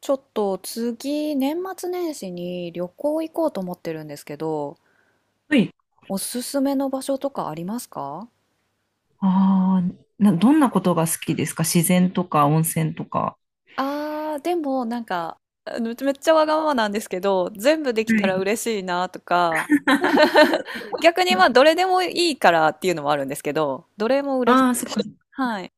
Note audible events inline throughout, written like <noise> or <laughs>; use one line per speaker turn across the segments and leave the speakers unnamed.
ちょっと次、年末年始に旅行行こうと思ってるんですけど、
はい。
おすすめの場所とかありますか？
ああ、どんなことが好きですか？自然とか温泉とか。
でもなんか、めっちゃわがままなんですけど、全部でき
は
たら
い。
嬉しいなとか、逆にどれでもいいからっていうのもあるんですけど、どれも嬉し
ああ、そっ
い。
か。
はい。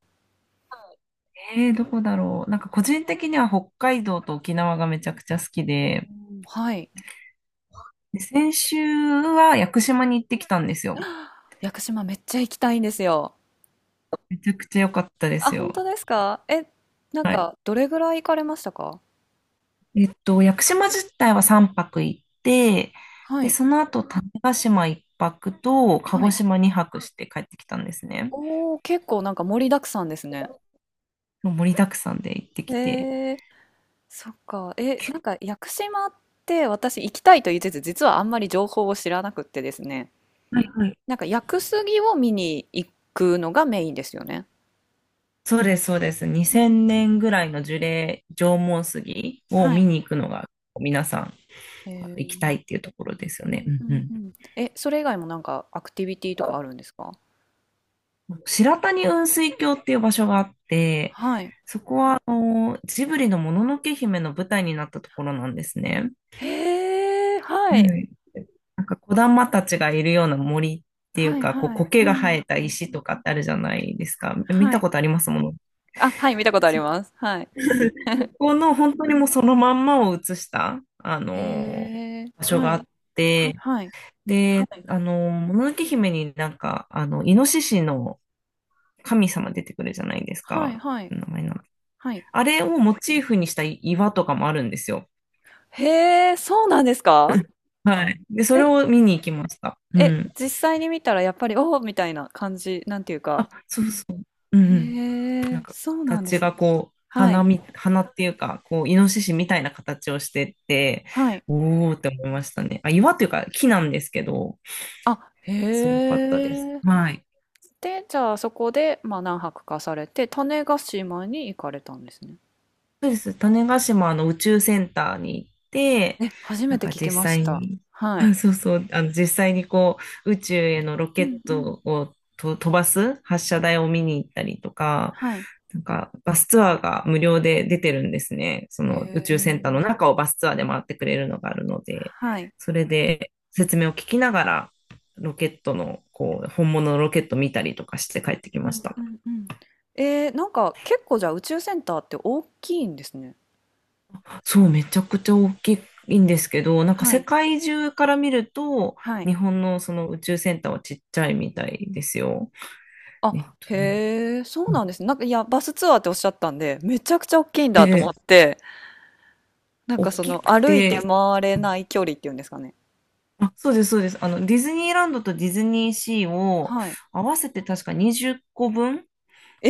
どこだろう。なんか個人的には北海道と沖縄がめちゃくちゃ好き
お
で、
ー、はい。
で先週は屋久島に行ってきたんですよ。
<gasps> 屋久島めっちゃ行きたいんですよ。
めちゃくちゃ良かったで
あ、
す
本
よ。
当ですか？え、なん
はい。
か、どれぐらい行かれましたか？
屋久島自体は3泊行って、
は
で、
い、
その後種子島1泊と鹿
は
児
い。
島2泊して帰ってきたんですね。
おー、結構なんか盛りだくさんですね。
もう盛りだくさんで行ってきて、
えー、そっか。え、
結構
屋久島って私行きたいと言いつつ、実はあんまり情報を知らなくってですね。
はいはい、
なんか屋久杉を見に行くのがメインですよね。
そうです、そうです。
う
2000年
ん、
ぐらいの樹齢、縄文杉を
は
見
い。
に行くのが、皆さん
え
行きたい
ー、
っていうところですよ
う
ね。
ん
う
う
んう
ん
ん。
うん。え、それ以外もなんかアクティビティとかあるんですか？
白谷雲水峡っていう場所があって、
はい。
そこはあのジブリのもののけ姫の舞台になったところなんですね。
へえ、
う
はい。
ん。なんか子玉たちがいるような森っていう
はい
か、こう
はい。う
苔が生
ん。
えた石とかってあるじゃないですか。見
は
た
い。
ことありますもの。
あ、はい、見たことあります。はい。<laughs>
この本当にもうそのまんまを写した、
へえ。
場所
は
があ
い。
って、
はい。
で、もののけ姫になんか、あの、イノシシの神様出てくるじゃないです
はい。
か。
はい。
名前な
はい。
あれをモチーフにした岩とかもあるんですよ。
へえ、そうなんですか？
はい。で、それ
え、
を見に行きました。う
え、
ん。
実際に見たらやっぱり、おおみたいな感じ、なんていうか。
あ、そうそう。うんうん。
へ
なん
え、
か、
そうなんで
形
すね。
がこう、
は
花
い。
み、花っていうか、こう、イノシシみたいな形をしてて、
はい。
おーって思いましたね。あ、岩というか木なんですけど、
あ、
すご
へ
かったです。
え。
はい。
で、じゃあそこで、まあ何泊かされて、種子島に行かれたんですね。
そうです。種子島の宇宙センターに行って、
え、初め
なん
て
か
聞き
実
まし
際
た。
に、
はい。
あ、そうそう、あの実際にこう、宇宙へのロケ
う
ッ
んうん。
トをと飛ばす発射台を見に行ったりとか、
はい。
なんかバスツアーが無料で出てるんですね。そ
へ
の宇宙センターの
え。
中をバスツアーで回ってくれるのがあるので、
はい。
それで説明を聞きながら、ロケットの、こう、本物のロケット見たりとかして帰ってき
う
まし
ん
た。
うんうん。えー、結構じゃあ宇宙センターって大きいんですね。
そう、めちゃくちゃ大きいんですけど、なんか
は
世
い。
界中から見ると、
はい。
日本のその宇宙センターはちっちゃいみたいですよ。えっ
あ、
と
へ
ね。
え、そうなんですね。なんか、いや、バスツアーっておっしゃったんで、めちゃくちゃ大きいん
え
だと思っ
え、
て、なん
大
かそ
き
の
く
歩いて
て、
回れない距離っていうんですかね。
あ、そうです、そうです。あの、ディズニーランドとディズニーシーを
はい。
合わせて確か20個分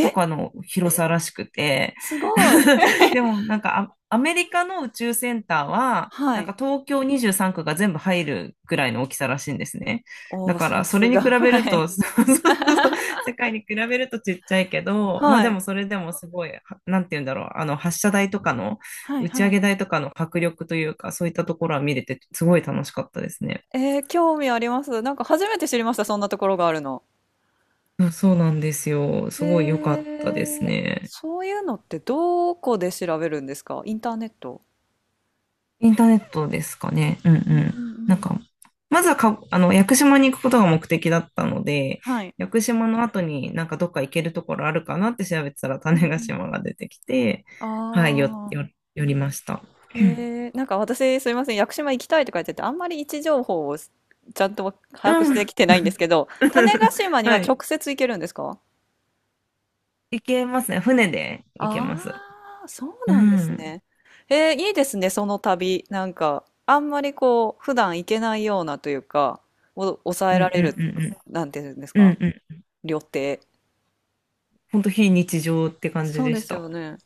とかの広さらしくて、
すごい。
<laughs> でもなんかアメリカの宇宙センターは、
は
なん
い。
か東京23区が全部入るぐらいの大きさらしいんですね。だ
おー、
か
さ
らそ
す
れに
が。
比べる
はい。
と、<laughs> そうそうそうそう、世界に比べるとちっちゃいけど、まあ
は
で
い。
もそれでもすごい、なんて言うんだろう、あの発射台とかの、
はい
打ち
は
上
い。
げ台とかの迫力というか、そういったところは見れてすごい楽しかったですね。
えー、興味あります。なんか初めて知りました、そんなところがあるの。
そうそうなんですよ。
へ
すごい良かったです
えー、
ね。
そういうのってどこで調べるんですか？インターネット？
インターネットですかね。うんう
うんうん
ん。
う
なん
ん。
か、まずはか、あの、屋久島に行くことが目的だったので、
はい。
屋久島の後になんかどっか行けるところあるかなって調べてたら
う
種
ん
子
うん。
島が出てきて、はい、
あ、
寄りました。うん。
へえ、なんか私すいません、屋久島行きたいとか言ってて、あんまり位置情報をゃんと把握し
うん。
てきてないんですけど、種子
<laughs>
島には
はい。
直接行けるんですか？
行けますね。船で行けます。
あ、あー、そう
う
なんです
ん。
ね。えー、いいですね、その旅。なんか、あんまりこう、普段行けないようなというか、を抑
う
えら
んう
れる、
んうんうん。
なんていうんです
う
か、
んうん。
旅程。
ほんと非日常って感じ
そう
で
で
し
す
た。
よね。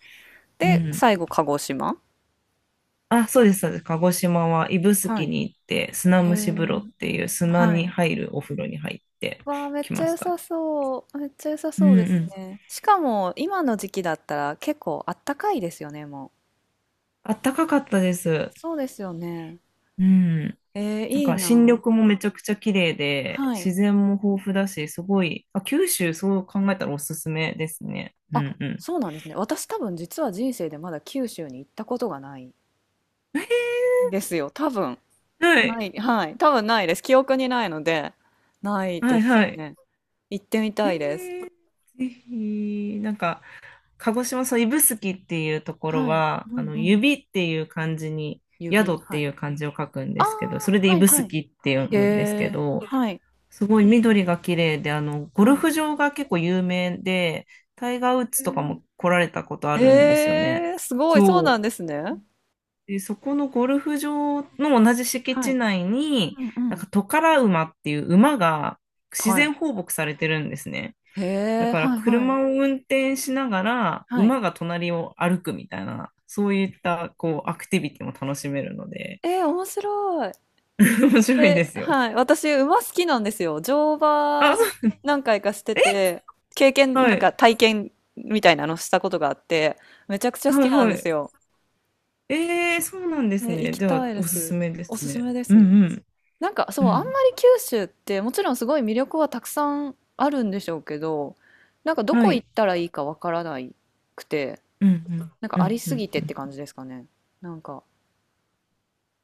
う
で、
ん。
最後、鹿児島。
あ、そうです、そうです。鹿児島は指宿
はい。
に行って、砂
へ
蒸し風呂っ
え。
ていう砂
は
に
い。
入るお風呂に入って
わあ、めっ
き
ちゃ
ま
良
した。
さそう。めっちゃ良さ
うん
そうで
う
す
ん。
ね。しかも、今の時期だったら結構あったかいですよね、もう。
あったかかったです。
そうですよね。
うん。
えー、
なん
いい
か新緑
な。
もめちゃくちゃ綺麗で、
はい。
自然も豊富だし、すごい、あ、九州そう考えたらおすすめですね。う
あ、
んうん。
そうなんですね。私多分実は人生でまだ九州に行ったことがないんですよ。多分。
はい、
ない。はい。多分ないです。記憶にないので、ない
は
で
い、
す
はい。
ね。行ってみ
え
たいです。
ー、ぜひ、なんか、鹿児島、そう、指宿っていうところ
はい。
は、
う
あ
ん
の、
うん。
指っていう漢字に、
指。
宿っ
は
てい
い。
う漢字を書くん
あ
ですけど、そ
あ、
れで
はい
指宿
はい。
って読
へ
むんですけ
え。
ど、
はい。
すごい緑が綺麗で、あの、ゴ
は
ル
い。
フ場が結構有名で、タイガー・ウッ
へ
ズとか
ー、
も来られたことあるんですよね。
へえ、すごい、そう
そ
な
う。
んですね。
で、そこのゴルフ場の同じ敷
は
地
い。
内に、
うんう
なん
ん。
かトカラ馬っていう馬が自
は
然
い。
放牧されてるんですね。
へ
だ
え、
から
はいはい。
車を運転しながら
はい。
馬が隣を歩くみたいな、そういったこうアクティビティも楽しめるので、
えー、面白い。
<laughs> 面白いで
え、
すよ。
はい。私、馬好きなんですよ。乗
あ、
馬
そう、
何回かして
え
て、経験、
は
なん
い、
か体験みたいなのしたことがあって、めちゃくちゃ好
は
き
い、
なん
は
です
い。
よ。
えーそうなんです
え、行
ね。
き
じゃあ、
たいで
おすす
す。
めで
お
す
すす
ね。
めで
う
すね。
んうん、
そ
う
う、あんまり
ん。
九州って、もちろんすごい魅力はたくさんあるんでしょうけど、なんかど
は
こ行
い。
ったらいいかわからないくて、
うん
なん
う
か
ん、う
あり
ん、う
す
ん、
ぎて
う
って
ん。
感じですかね。なんか、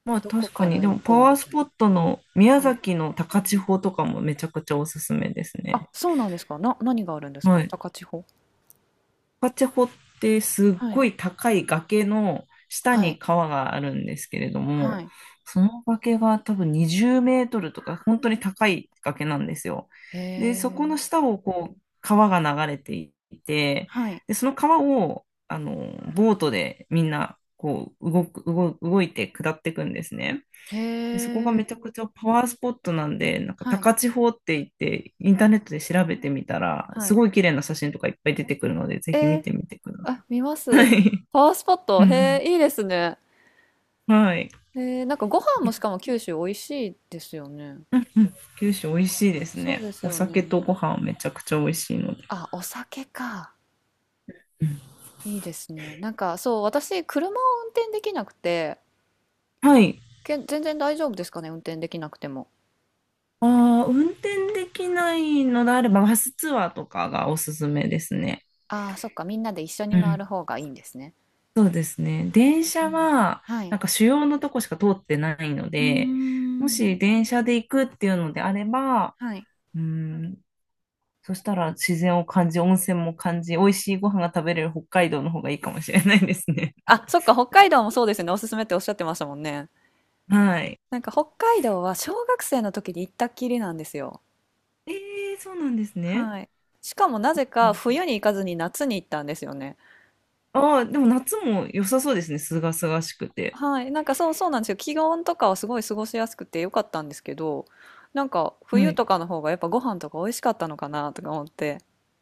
まあ
どこ
確か
か
に、
ら
で
行
もパ
こう
ワー
み
ス
たい
ポットの
な。
宮
はい。
崎の高千穂とかもめちゃくちゃおすすめです
あ、
ね。
そうなんですか。何があるんです
は
か、
い。
高千穂？
パチェホってすっ
は
ご
い。
い高い崖の下
はい。
に川があるんですけれども、
はい。
その崖が多分20メートルとか本当に高い崖なんですよ。
へ
で、そこの
え。
下をこう川が流れていて、
はい。
で、その川をあのボートでみんなこう動く、動、動いて下っていくんですね。
へ
で、そこが
え。
めちゃくちゃパワースポットなんで、なんか
はい。
高千穂って言って、インターネットで調べてみたら、
は
す
い。
ごい綺麗な写真とかいっぱい出てくるので、ぜ
え
ひ見
ー、
てみてくだ
あ、見ま
さい。
す。
はい。
パワースポッ
う
ト。へ
ん。
え、いいですね。
はい。
えー、なんかご飯もしかも九州美味しいですよね。
うんうん、九州美味しいです
そ
ね。
うです
お
よ
酒
ね。
とご飯めちゃくちゃ美味しいので。
あ、お酒か。
うん
いいですね。なんかそう、私、車を運転できなくて、
はい。
全然大丈夫ですかね、運転できなくても。
ああ、運転できないのであれば、バスツアーとかがおすすめですね。
ああ、そっか、みんなで一緒に
う
回る
ん、
方がいいんですね。
そうですね。電
う
車
ん。
は、
はい。
なんか主要のとこしか通ってないの
うー
で、も
ん。
し電車で行くっていうのであれば、
はい。
うん、そしたら自然を感じ、温泉も感じ、美味しいご飯が食べれる北海道の方がいいかもしれないですね。
あ、そっか、北海道もそうですよね。おすすめっておっしゃってましたもんね。
<laughs> はい。
なんか北海道は小学生の時に行ったっきりなんですよ。
えそうなんですね。
はい。しかもなぜ
う
か
ん、
冬に行かずに夏に行ったんですよね。
ああ、でも夏も良さそうですね。すがすがしくて。
はい。なんかそうそうなんですよ。気温とかはすごい過ごしやすくてよかったんですけど、なんか
は
冬
い。
とかの方がやっぱご飯とか美味しかったのかなとか思って。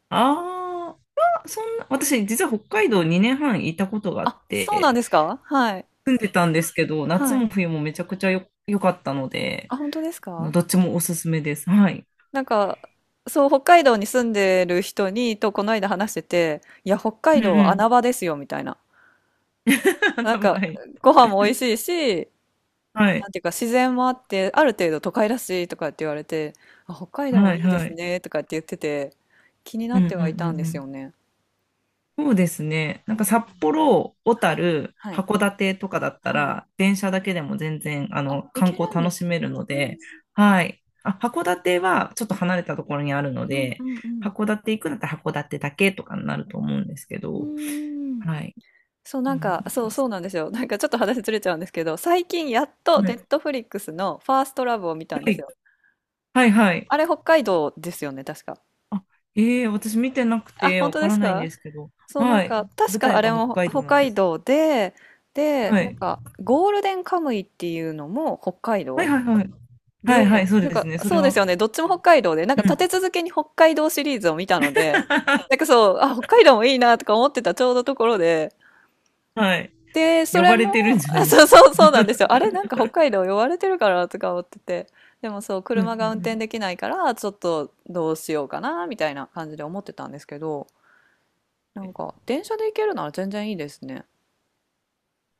あーそんな、私実は北海道2年半いたことがあっ
あ、そう
て、
なんですか？はい。
たんですけど、夏
は
も
い。
冬もめちゃくちゃよ、良かったので、
あ、本当ですか？
どっちもおすすめです。はい。
なんか、そう、北海道に住んでる人に、とこの間話してて、いや、北
う
海
ん
道は
う
穴
ん。
場ですよ、みたいな。なん
<laughs> は
か、
い。
ご飯も美味しいし、
は
な
い。
んていうか、自然もあって、ある程度都会らしいとかって言われて、あ、北海道も
はい
いいで
は
す
い。
ね、とかって言ってて、気にな
う
っ
んうんう
て
ん
はいたんで
う
す
ん。
よね。
そうですね。なん
う
か
ん、
札幌、小
はい、
樽、
はい、
函館とかだった
はい。
ら、電車だけでも全然、あ
あ、
の、
行
観
け
光
るんで
楽し
す
め
ね。
るの
うん、
で、はい。あ、函館はちょっと離れたところにあるの
うん、う
で、
ん、
函館行くんだったら函館だけとかになると思うんですけ
う
ど、
ん。うーん、
はい。
そう、
で
なん
も
か、
なん
そ
か、
う、そうなんですよ。なんかちょっと話ずれちゃうんですけど、最近やっと
は
ネ
い。
ットフリックスのファーストラブを見たん
は
です
い。
よ。
はいはい、
あれ北海道ですよね、確か。
あ、ええ私見てなく
あ、
て
本
わ
当
か
で
ら
す
ないんで
か？
すけど。
そう、な
は
ん
い。
か、確
舞
かあ
台
れ
が北
も
海道
北
なんで
海
す。
道で、で、
は
なん
い。
か、ゴールデンカムイっていうのも北海
はい
道
はいはい。はいはい、
で、
そう
なん
です
か、
ね。それ
そうです
は。
よね、どっちも北海道で、なん
う
か立
ん。
て続けに北海道シリーズを見たので、なん
<laughs>
かそう、あ、北海道もいいなとか思ってたちょうどところで、
はい。
で、そ
呼
れ
ばれてるん
も、
じゃない
あ、
で
そ
す
う
か。
そうそうなんですよ。あ
<laughs>
れ、なんか北海道呼ばれてるからとか思ってて。でもそう、
う
車
んう
が
ん
運
う
転
ん。
できないから、ちょっとどうしようかな、みたいな感じで思ってたんですけど、なんか電車で行けるなら全然いいですね。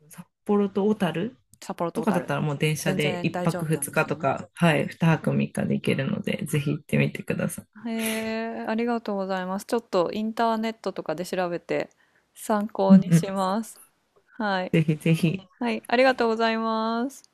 札幌と小樽
札幌と
と
小
かだっ
樽。
たらもう電車
全
で
然
1
大丈
泊
夫なん
2
で
日
す
と
ね。
か、はい、2泊3日で行けるので、ぜひ行ってみてください。
へえ、ありがとうございます。ちょっとインターネットとかで調べて参
う
考
ん
に
うん。
します。はい。
ぜひぜひ。
はい、ありがとうございます。